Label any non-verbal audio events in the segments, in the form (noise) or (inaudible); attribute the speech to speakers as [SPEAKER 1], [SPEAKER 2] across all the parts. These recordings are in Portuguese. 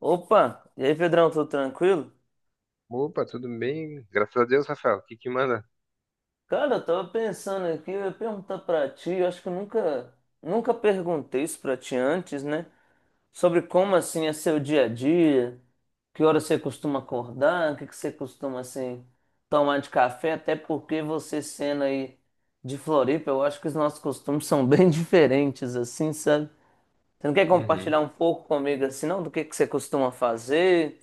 [SPEAKER 1] Opa, e aí, Pedrão, tudo tranquilo?
[SPEAKER 2] Opa, tudo bem? Graças a Deus, Rafael. O que que manda?
[SPEAKER 1] Cara, eu tava pensando aqui, eu ia perguntar pra ti, eu acho que eu nunca perguntei isso pra ti antes, né? Sobre como, assim, é seu dia a dia, que hora você costuma acordar, o que que você costuma, assim, tomar de café, até porque você sendo aí de Floripa, eu acho que os nossos costumes são bem (laughs) diferentes, assim, sabe? Você não quer
[SPEAKER 2] Uhum.
[SPEAKER 1] compartilhar um pouco comigo, assim, não? Do que você costuma fazer?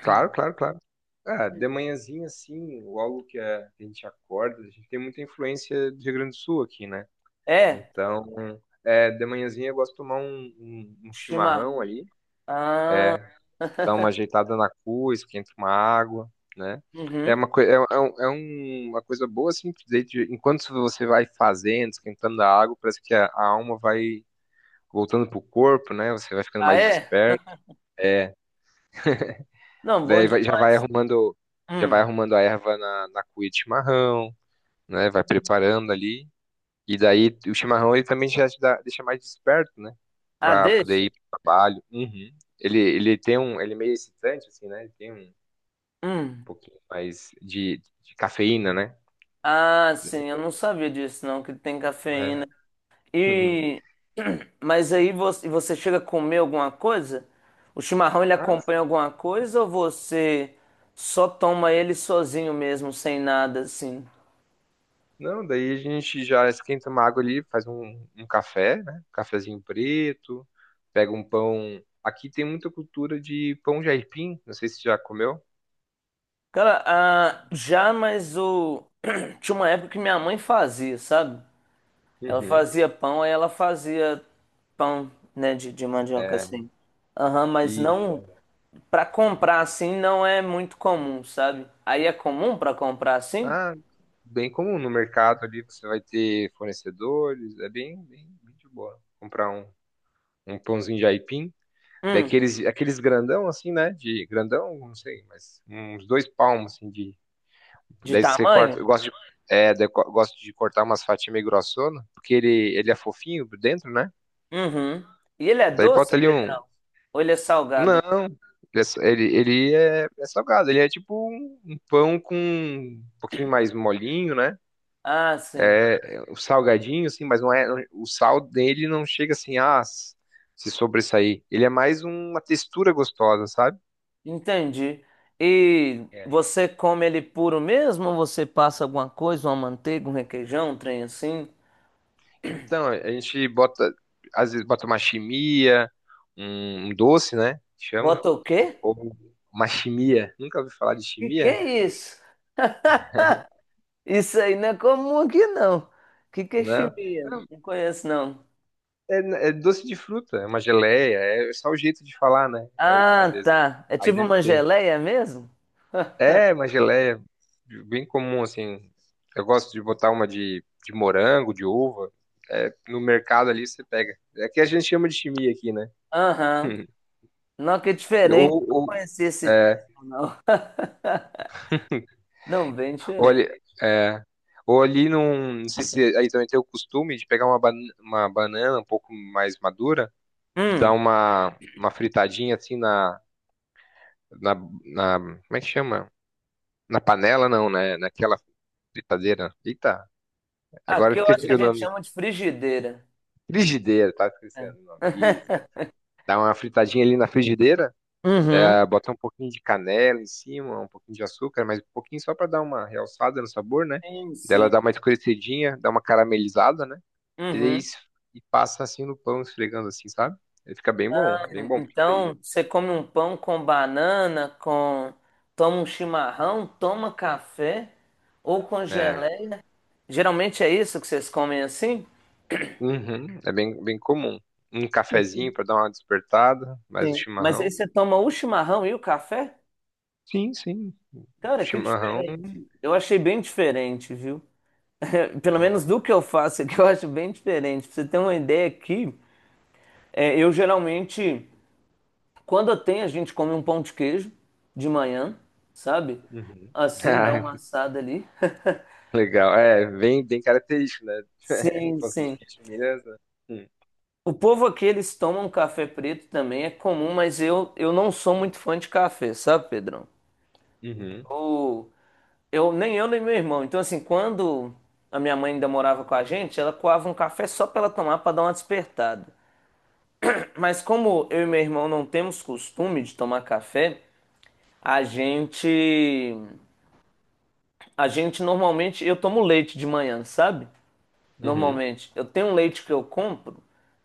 [SPEAKER 2] Claro, claro, claro. Ah, de manhãzinha, assim, logo que a gente acorda, a gente tem muita influência do Rio Grande do Sul aqui, né?
[SPEAKER 1] É,
[SPEAKER 2] Então, de manhãzinha eu gosto de tomar um chimarrão
[SPEAKER 1] chimarrão.
[SPEAKER 2] ali,
[SPEAKER 1] Ah...
[SPEAKER 2] é, dar
[SPEAKER 1] (laughs)
[SPEAKER 2] uma ajeitada na cua, esquenta uma água, né? É
[SPEAKER 1] Uhum.
[SPEAKER 2] uma, coi- é, é um- uma coisa boa, assim, que daí enquanto você vai fazendo, esquentando a água, parece que a alma vai voltando pro corpo, né? Você vai ficando
[SPEAKER 1] Ah,
[SPEAKER 2] mais
[SPEAKER 1] é?
[SPEAKER 2] desperto. É.
[SPEAKER 1] Não, bom
[SPEAKER 2] Daí
[SPEAKER 1] demais.
[SPEAKER 2] já vai
[SPEAKER 1] Hum.
[SPEAKER 2] arrumando a erva na cuia de chimarrão, né? Vai preparando ali. E daí o chimarrão ele também já te deixa mais desperto, né?
[SPEAKER 1] Ah,
[SPEAKER 2] Pra poder
[SPEAKER 1] deixa?
[SPEAKER 2] ir pro trabalho. Uhum. Ele tem ele é meio excitante, assim, né? Ele tem um
[SPEAKER 1] Hum.
[SPEAKER 2] pouquinho mais de cafeína, né?
[SPEAKER 1] Ah, sim, eu não sabia disso, não, que tem
[SPEAKER 2] É.
[SPEAKER 1] cafeína.
[SPEAKER 2] Uhum.
[SPEAKER 1] E. (clears throat) Mas aí você, você chega a comer alguma coisa? O chimarrão ele
[SPEAKER 2] (laughs) Ah.
[SPEAKER 1] acompanha alguma coisa ou você só toma ele sozinho mesmo, sem nada, assim?
[SPEAKER 2] Não, daí a gente já esquenta uma água ali, faz um café, né? Cafezinho preto, pega um pão. Aqui tem muita cultura de pão de aipim, não sei se já comeu.
[SPEAKER 1] Cara, ah, já, mas o. (clears throat) Tinha uma época que minha mãe fazia, sabe? Ela
[SPEAKER 2] Uhum.
[SPEAKER 1] fazia pão, aí ela fazia pão, né, de mandioca
[SPEAKER 2] É,
[SPEAKER 1] assim. Aham, mas
[SPEAKER 2] isso.
[SPEAKER 1] não
[SPEAKER 2] É.
[SPEAKER 1] para comprar assim não é muito comum, sabe? Aí é comum para comprar assim?
[SPEAKER 2] Ah, bem comum no mercado ali, você vai ter fornecedores, é bem, bem, bem de boa. Comprar um pãozinho de aipim,
[SPEAKER 1] Hum,
[SPEAKER 2] daqueles, aqueles grandão assim, né? De grandão, não sei, mas uns 2 palmos assim de.
[SPEAKER 1] de
[SPEAKER 2] Daí você
[SPEAKER 1] tamanho?
[SPEAKER 2] corta. Eu gosto de cortar umas fatias meio grossona, porque ele é fofinho por dentro, né?
[SPEAKER 1] Uhum. E ele é
[SPEAKER 2] Daí
[SPEAKER 1] doce,
[SPEAKER 2] bota ali um.
[SPEAKER 1] Pedrão? Ou ele é salgado?
[SPEAKER 2] Não, ele é salgado, ele é tipo um pão com um pouquinho mais molinho, né?
[SPEAKER 1] Ah, sim.
[SPEAKER 2] O salgadinho, assim, mas não é. O sal dele não chega assim, se sobressair. Ele é mais uma textura gostosa, sabe?
[SPEAKER 1] Entendi. E
[SPEAKER 2] É.
[SPEAKER 1] você come ele puro mesmo? Ou você passa alguma coisa, uma manteiga, um requeijão, um trem assim?
[SPEAKER 2] Então, a gente bota, às vezes bota uma chimia, um doce, né? Que chama.
[SPEAKER 1] Bota o quê?
[SPEAKER 2] Ou uma chimia. Nunca ouvi falar de
[SPEAKER 1] Que
[SPEAKER 2] chimia?
[SPEAKER 1] é isso? Isso aí não é comum aqui, não. O que que é
[SPEAKER 2] Não.
[SPEAKER 1] chimia? Não conheço, não.
[SPEAKER 2] É, é doce de fruta, é uma geleia, é só o jeito de falar, né? É. Às
[SPEAKER 1] Ah,
[SPEAKER 2] vezes.
[SPEAKER 1] tá. É
[SPEAKER 2] Aí
[SPEAKER 1] tipo
[SPEAKER 2] deve
[SPEAKER 1] uma
[SPEAKER 2] ter.
[SPEAKER 1] geleia mesmo?
[SPEAKER 2] É, uma geleia bem comum, assim. Eu gosto de botar uma de morango, de uva. É, no mercado ali você pega. É que a gente chama de chimia aqui, né?
[SPEAKER 1] Aham.
[SPEAKER 2] (laughs)
[SPEAKER 1] Não, que é
[SPEAKER 2] E
[SPEAKER 1] diferente. Não conhecia esse
[SPEAKER 2] é,
[SPEAKER 1] termo, não. (laughs) Não, bem
[SPEAKER 2] ou
[SPEAKER 1] diferente.
[SPEAKER 2] ali, é, ou ali num. Não sei se aí também tem o costume de pegar uma banana um pouco mais madura. Dá
[SPEAKER 1] Hum.
[SPEAKER 2] uma fritadinha assim na, na. Como é que chama? Na panela, não, né? Naquela fritadeira. Eita, agora eu
[SPEAKER 1] Aqui eu acho que
[SPEAKER 2] esqueci
[SPEAKER 1] a
[SPEAKER 2] o
[SPEAKER 1] gente
[SPEAKER 2] nome.
[SPEAKER 1] chama de frigideira.
[SPEAKER 2] Frigideira, tá
[SPEAKER 1] É.
[SPEAKER 2] esquecendo o nome. Isso. É.
[SPEAKER 1] (laughs)
[SPEAKER 2] Dá uma fritadinha ali na frigideira,
[SPEAKER 1] Uhum.
[SPEAKER 2] bota um pouquinho de canela em cima, um pouquinho de açúcar, mas um pouquinho só pra dar uma realçada no sabor, né?
[SPEAKER 1] Sim,
[SPEAKER 2] Daí ela dá
[SPEAKER 1] sim.
[SPEAKER 2] uma escurecidinha, dá uma caramelizada, né? E, daí
[SPEAKER 1] Uhum.
[SPEAKER 2] es- e passa assim no pão, esfregando assim, sabe? Ele fica bem bom, bem bom. Porque daí,
[SPEAKER 1] Então, você come um pão com banana, com... Toma um chimarrão, toma café ou com
[SPEAKER 2] né.
[SPEAKER 1] geleia. Geralmente é isso que vocês comem assim?
[SPEAKER 2] Uhum. É bem, bem comum. Um
[SPEAKER 1] É que-
[SPEAKER 2] cafezinho para dar uma despertada, mais o
[SPEAKER 1] Sim. Mas aí
[SPEAKER 2] chimarrão.
[SPEAKER 1] você toma o chimarrão e o café?
[SPEAKER 2] Sim, sim. O
[SPEAKER 1] Cara, que
[SPEAKER 2] chimarrão.
[SPEAKER 1] diferente. Eu achei bem diferente, viu? (laughs) Pelo
[SPEAKER 2] Não
[SPEAKER 1] menos
[SPEAKER 2] é-.
[SPEAKER 1] do que eu faço aqui, eu acho bem diferente. Pra você ter uma ideia aqui, é, eu geralmente, quando eu tenho, a gente come um pão de queijo de manhã, sabe?
[SPEAKER 2] Uhum. (laughs)
[SPEAKER 1] Assim, dá
[SPEAKER 2] Ah,
[SPEAKER 1] uma assada ali.
[SPEAKER 2] legal. É, bem, bem característico, né? (laughs)
[SPEAKER 1] Sim,
[SPEAKER 2] Um assim, de
[SPEAKER 1] sim.
[SPEAKER 2] leite Minas, né? Hum.
[SPEAKER 1] O povo aqui, eles tomam café preto também, é comum, mas eu não sou muito fã de café, sabe, Pedrão?
[SPEAKER 2] Uhum,
[SPEAKER 1] Eu, nem eu, nem meu irmão. Então, assim, quando a minha mãe ainda morava com a gente, ela coava um café só pra ela tomar, pra dar uma despertada. Mas como eu e meu irmão não temos costume de tomar café, a gente. A gente normalmente. Eu tomo leite de manhã, sabe?
[SPEAKER 2] uhum.
[SPEAKER 1] Normalmente. Eu tenho um leite que eu compro.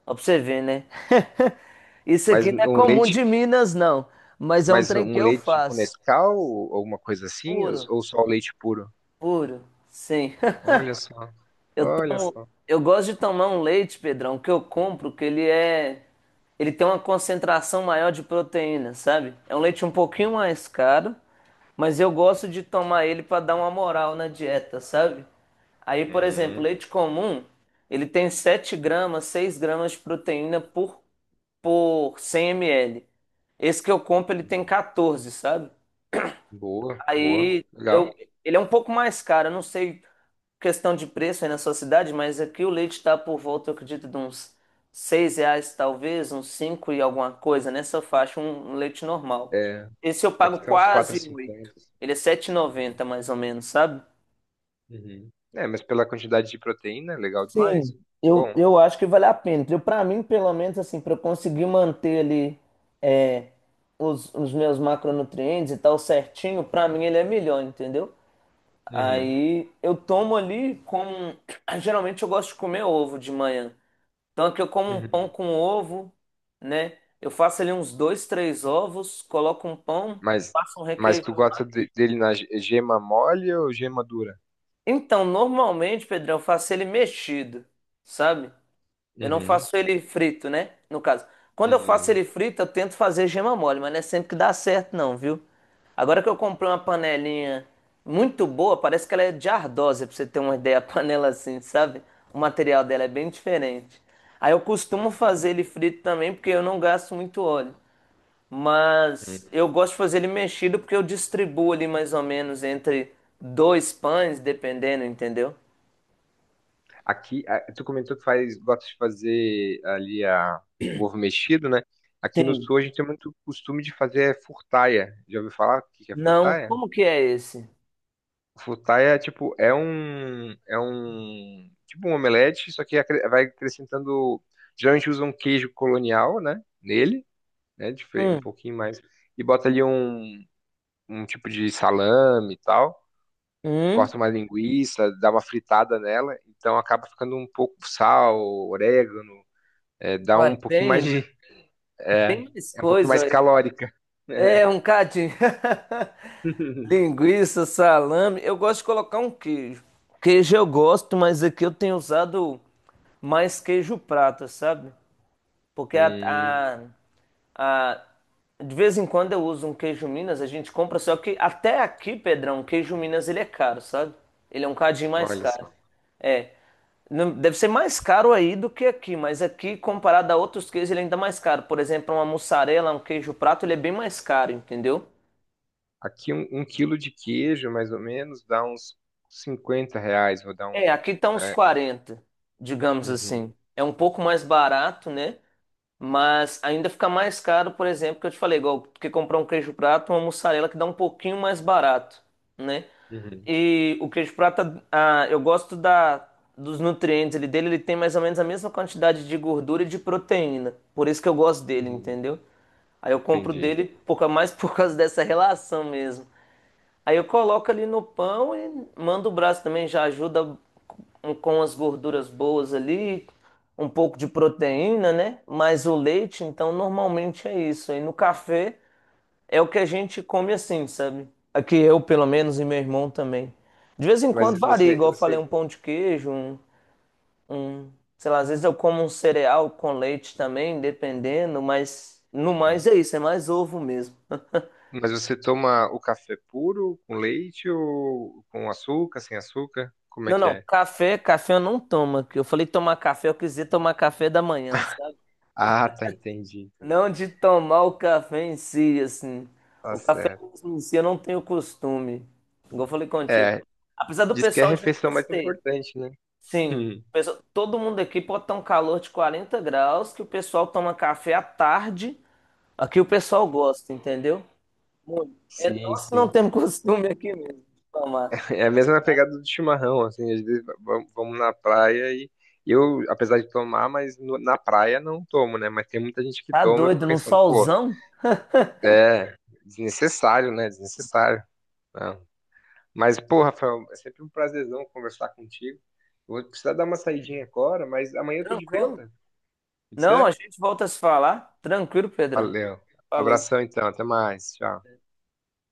[SPEAKER 1] Ó, pra você ver, né? (laughs) Isso
[SPEAKER 2] Mas
[SPEAKER 1] aqui não é
[SPEAKER 2] um
[SPEAKER 1] comum
[SPEAKER 2] leite,
[SPEAKER 1] de Minas, não. Mas é um
[SPEAKER 2] mas
[SPEAKER 1] trem
[SPEAKER 2] um
[SPEAKER 1] que eu
[SPEAKER 2] leite com
[SPEAKER 1] faço.
[SPEAKER 2] Nescau ou alguma coisa assim, ou
[SPEAKER 1] Puro,
[SPEAKER 2] ou só o leite puro?
[SPEAKER 1] puro. Sim.
[SPEAKER 2] Olha só, olha só.
[SPEAKER 1] (laughs) Eu gosto de tomar um leite, Pedrão, que eu compro, que ele é. ele tem uma concentração maior de proteína, sabe? É um leite um pouquinho mais caro, mas eu gosto de tomar ele para dar uma moral na dieta, sabe? Aí, por exemplo,
[SPEAKER 2] Hum,
[SPEAKER 1] leite comum, ele tem 7 gramas, 6 gramas de proteína por 100 ml. Esse que eu compro, ele tem
[SPEAKER 2] uhum.
[SPEAKER 1] 14, sabe?
[SPEAKER 2] Boa, boa,
[SPEAKER 1] Aí
[SPEAKER 2] legal.
[SPEAKER 1] eu, ele é um pouco mais caro, eu não sei questão de preço aí na sua cidade, mas aqui o leite está por volta, eu acredito, de uns R$ 6, talvez, uns cinco e alguma coisa nessa faixa, um leite normal.
[SPEAKER 2] É,
[SPEAKER 1] Esse eu
[SPEAKER 2] aqui
[SPEAKER 1] pago
[SPEAKER 2] tá uns
[SPEAKER 1] quase oito.
[SPEAKER 2] 4,50.
[SPEAKER 1] Ele é 7,90 mais ou menos, sabe?
[SPEAKER 2] Uhum. É, mas pela quantidade de proteína, é legal demais.
[SPEAKER 1] Sim,
[SPEAKER 2] Bom.
[SPEAKER 1] eu acho que vale a pena. Eu, para mim, pelo menos, assim, para eu conseguir manter ali é, os meus macronutrientes e tal certinho, para mim ele é melhor, entendeu?
[SPEAKER 2] Uhum.
[SPEAKER 1] Aí eu tomo ali como. (clears throat) Geralmente eu gosto de comer ovo de manhã. Tanto que eu como um pão
[SPEAKER 2] Uhum.
[SPEAKER 1] com ovo, né? Eu faço ali uns dois, três ovos, coloco um pão,
[SPEAKER 2] Mas,
[SPEAKER 1] passo um
[SPEAKER 2] tu
[SPEAKER 1] requeijão lá.
[SPEAKER 2] gosta dele na gema mole ou gema dura?
[SPEAKER 1] Então, normalmente, Pedrão, eu faço ele mexido, sabe? Eu não
[SPEAKER 2] Uhum.
[SPEAKER 1] faço ele frito, né? No caso. Quando eu faço
[SPEAKER 2] Uhum.
[SPEAKER 1] ele frito, eu tento fazer gema mole, mas não é sempre que dá certo, não, viu? Agora que eu comprei uma panelinha muito boa, parece que ela é de ardósia, pra você ter uma (laughs) ideia, a panela assim, sabe? O material dela é bem diferente. Aí eu costumo fazer ele frito também, porque eu não gasto muito óleo.
[SPEAKER 2] Uhum.
[SPEAKER 1] Mas eu gosto de fazer ele mexido, porque eu distribuo ali mais ou menos entre dois pães, dependendo, entendeu?
[SPEAKER 2] Aqui, tu comentou que faz, gosta de fazer ali o ovo mexido, né? Aqui no
[SPEAKER 1] Sim.
[SPEAKER 2] sul a gente tem muito costume de fazer furtaia. Já ouviu falar o que que é
[SPEAKER 1] Não,
[SPEAKER 2] furtaia?
[SPEAKER 1] como que é esse?
[SPEAKER 2] Futai é tipo, tipo um omelete, só que vai acrescentando, geralmente usa um queijo colonial, né, nele, né, um
[SPEAKER 1] Hum.
[SPEAKER 2] pouquinho mais, e bota ali um tipo de salame e tal,
[SPEAKER 1] Hum?
[SPEAKER 2] corta uma linguiça, dá uma fritada nela, então acaba ficando um pouco sal, orégano, dá
[SPEAKER 1] Olha,
[SPEAKER 2] um pouquinho mais
[SPEAKER 1] bem,
[SPEAKER 2] de. é,
[SPEAKER 1] bem mais
[SPEAKER 2] é um pouquinho
[SPEAKER 1] coisa.
[SPEAKER 2] mais
[SPEAKER 1] Olha.
[SPEAKER 2] calórica. (laughs) É.
[SPEAKER 1] É um cadinho. (laughs)
[SPEAKER 2] (laughs)
[SPEAKER 1] Linguiça, salame. Eu gosto de colocar um queijo. Queijo eu gosto, mas aqui eu tenho usado mais queijo prata, sabe? Porque
[SPEAKER 2] Hum,
[SPEAKER 1] ah, de vez em quando eu uso um queijo Minas, a gente compra, só que até aqui, Pedrão, queijo Minas ele é caro, sabe? Ele é um cadinho mais
[SPEAKER 2] olha
[SPEAKER 1] caro.
[SPEAKER 2] só.
[SPEAKER 1] É. Não- Deve ser mais caro aí do que aqui, mas aqui, comparado a outros queijos, ele é ainda mais caro. Por exemplo, uma mussarela, um queijo prato, ele é bem mais caro, entendeu?
[SPEAKER 2] Aqui um quilo de queijo, mais ou menos, dá uns 50 reais. Vou dar
[SPEAKER 1] É,
[SPEAKER 2] um.
[SPEAKER 1] aqui tá uns 40, digamos
[SPEAKER 2] Uhum,
[SPEAKER 1] assim. É um pouco mais barato, né? Mas ainda fica mais caro, por exemplo, que eu te falei, igual que comprar um queijo prato, uma mussarela que dá um pouquinho mais barato, né?
[SPEAKER 2] uhum,
[SPEAKER 1] E o queijo prata, ah, eu gosto dos nutrientes dele, ele tem mais ou menos a mesma quantidade de gordura e de proteína. Por isso que eu gosto dele,
[SPEAKER 2] uhum.
[SPEAKER 1] entendeu? Aí eu compro
[SPEAKER 2] Entendi.
[SPEAKER 1] dele por, ca- mais por causa dessa relação mesmo. Aí eu coloco ali no pão e mando o braço também, já ajuda com as gorduras boas ali, um pouco de proteína, né? Mas o leite, então, normalmente é isso. Aí no café é o que a gente come assim, sabe? Aqui eu, pelo menos, e meu irmão também. De vez em
[SPEAKER 2] Mas
[SPEAKER 1] quando varia,
[SPEAKER 2] você,
[SPEAKER 1] igual eu falei,
[SPEAKER 2] você,
[SPEAKER 1] um pão de queijo, um, sei lá, às vezes eu como um cereal com leite também, dependendo, mas no mais
[SPEAKER 2] Uhum.
[SPEAKER 1] é isso, é mais ovo mesmo.
[SPEAKER 2] mas você toma o café puro com leite ou com açúcar, sem açúcar? Como é
[SPEAKER 1] Não,
[SPEAKER 2] que
[SPEAKER 1] não,
[SPEAKER 2] é?
[SPEAKER 1] café, café eu não tomo, que eu falei tomar café, eu quis dizer tomar café da manhã, sabe?
[SPEAKER 2] Ah, tá, entendi, entendi.
[SPEAKER 1] Não de tomar o café em si, assim.
[SPEAKER 2] Tá
[SPEAKER 1] O café
[SPEAKER 2] certo.
[SPEAKER 1] mesmo em si eu não tenho costume, igual eu falei contigo.
[SPEAKER 2] É,
[SPEAKER 1] Apesar do
[SPEAKER 2] diz que é a
[SPEAKER 1] pessoal de
[SPEAKER 2] refeição
[SPEAKER 1] Minas
[SPEAKER 2] mais
[SPEAKER 1] ter,
[SPEAKER 2] importante, né? (laughs)
[SPEAKER 1] sim,
[SPEAKER 2] Hum.
[SPEAKER 1] o pessoal- todo mundo aqui pode estar um calor de 40 graus, que o pessoal toma café à tarde, aqui o pessoal gosta, entendeu? Muito. É
[SPEAKER 2] Sim,
[SPEAKER 1] nós que não
[SPEAKER 2] sim.
[SPEAKER 1] temos (laughs) costume aqui mesmo de tomar.
[SPEAKER 2] É a mesma pegada do chimarrão, assim, às vezes vamos na praia e eu, apesar de tomar, mas na praia não tomo, né? Mas tem muita gente que
[SPEAKER 1] Tá
[SPEAKER 2] toma, eu
[SPEAKER 1] doido,
[SPEAKER 2] fico
[SPEAKER 1] num
[SPEAKER 2] pensando, pô,
[SPEAKER 1] solzão?
[SPEAKER 2] é desnecessário, né? Desnecessário. Não. Mas, pô, Rafael, é sempre um prazerzão conversar contigo. Eu vou precisar dar uma saidinha agora, mas amanhã eu tô de
[SPEAKER 1] Tranquilo?
[SPEAKER 2] volta. Pode
[SPEAKER 1] Não, a
[SPEAKER 2] ser?
[SPEAKER 1] gente volta a se falar. Tranquilo, Pedrão.
[SPEAKER 2] Valeu.
[SPEAKER 1] Falou.
[SPEAKER 2] Abração então, até mais. Tchau.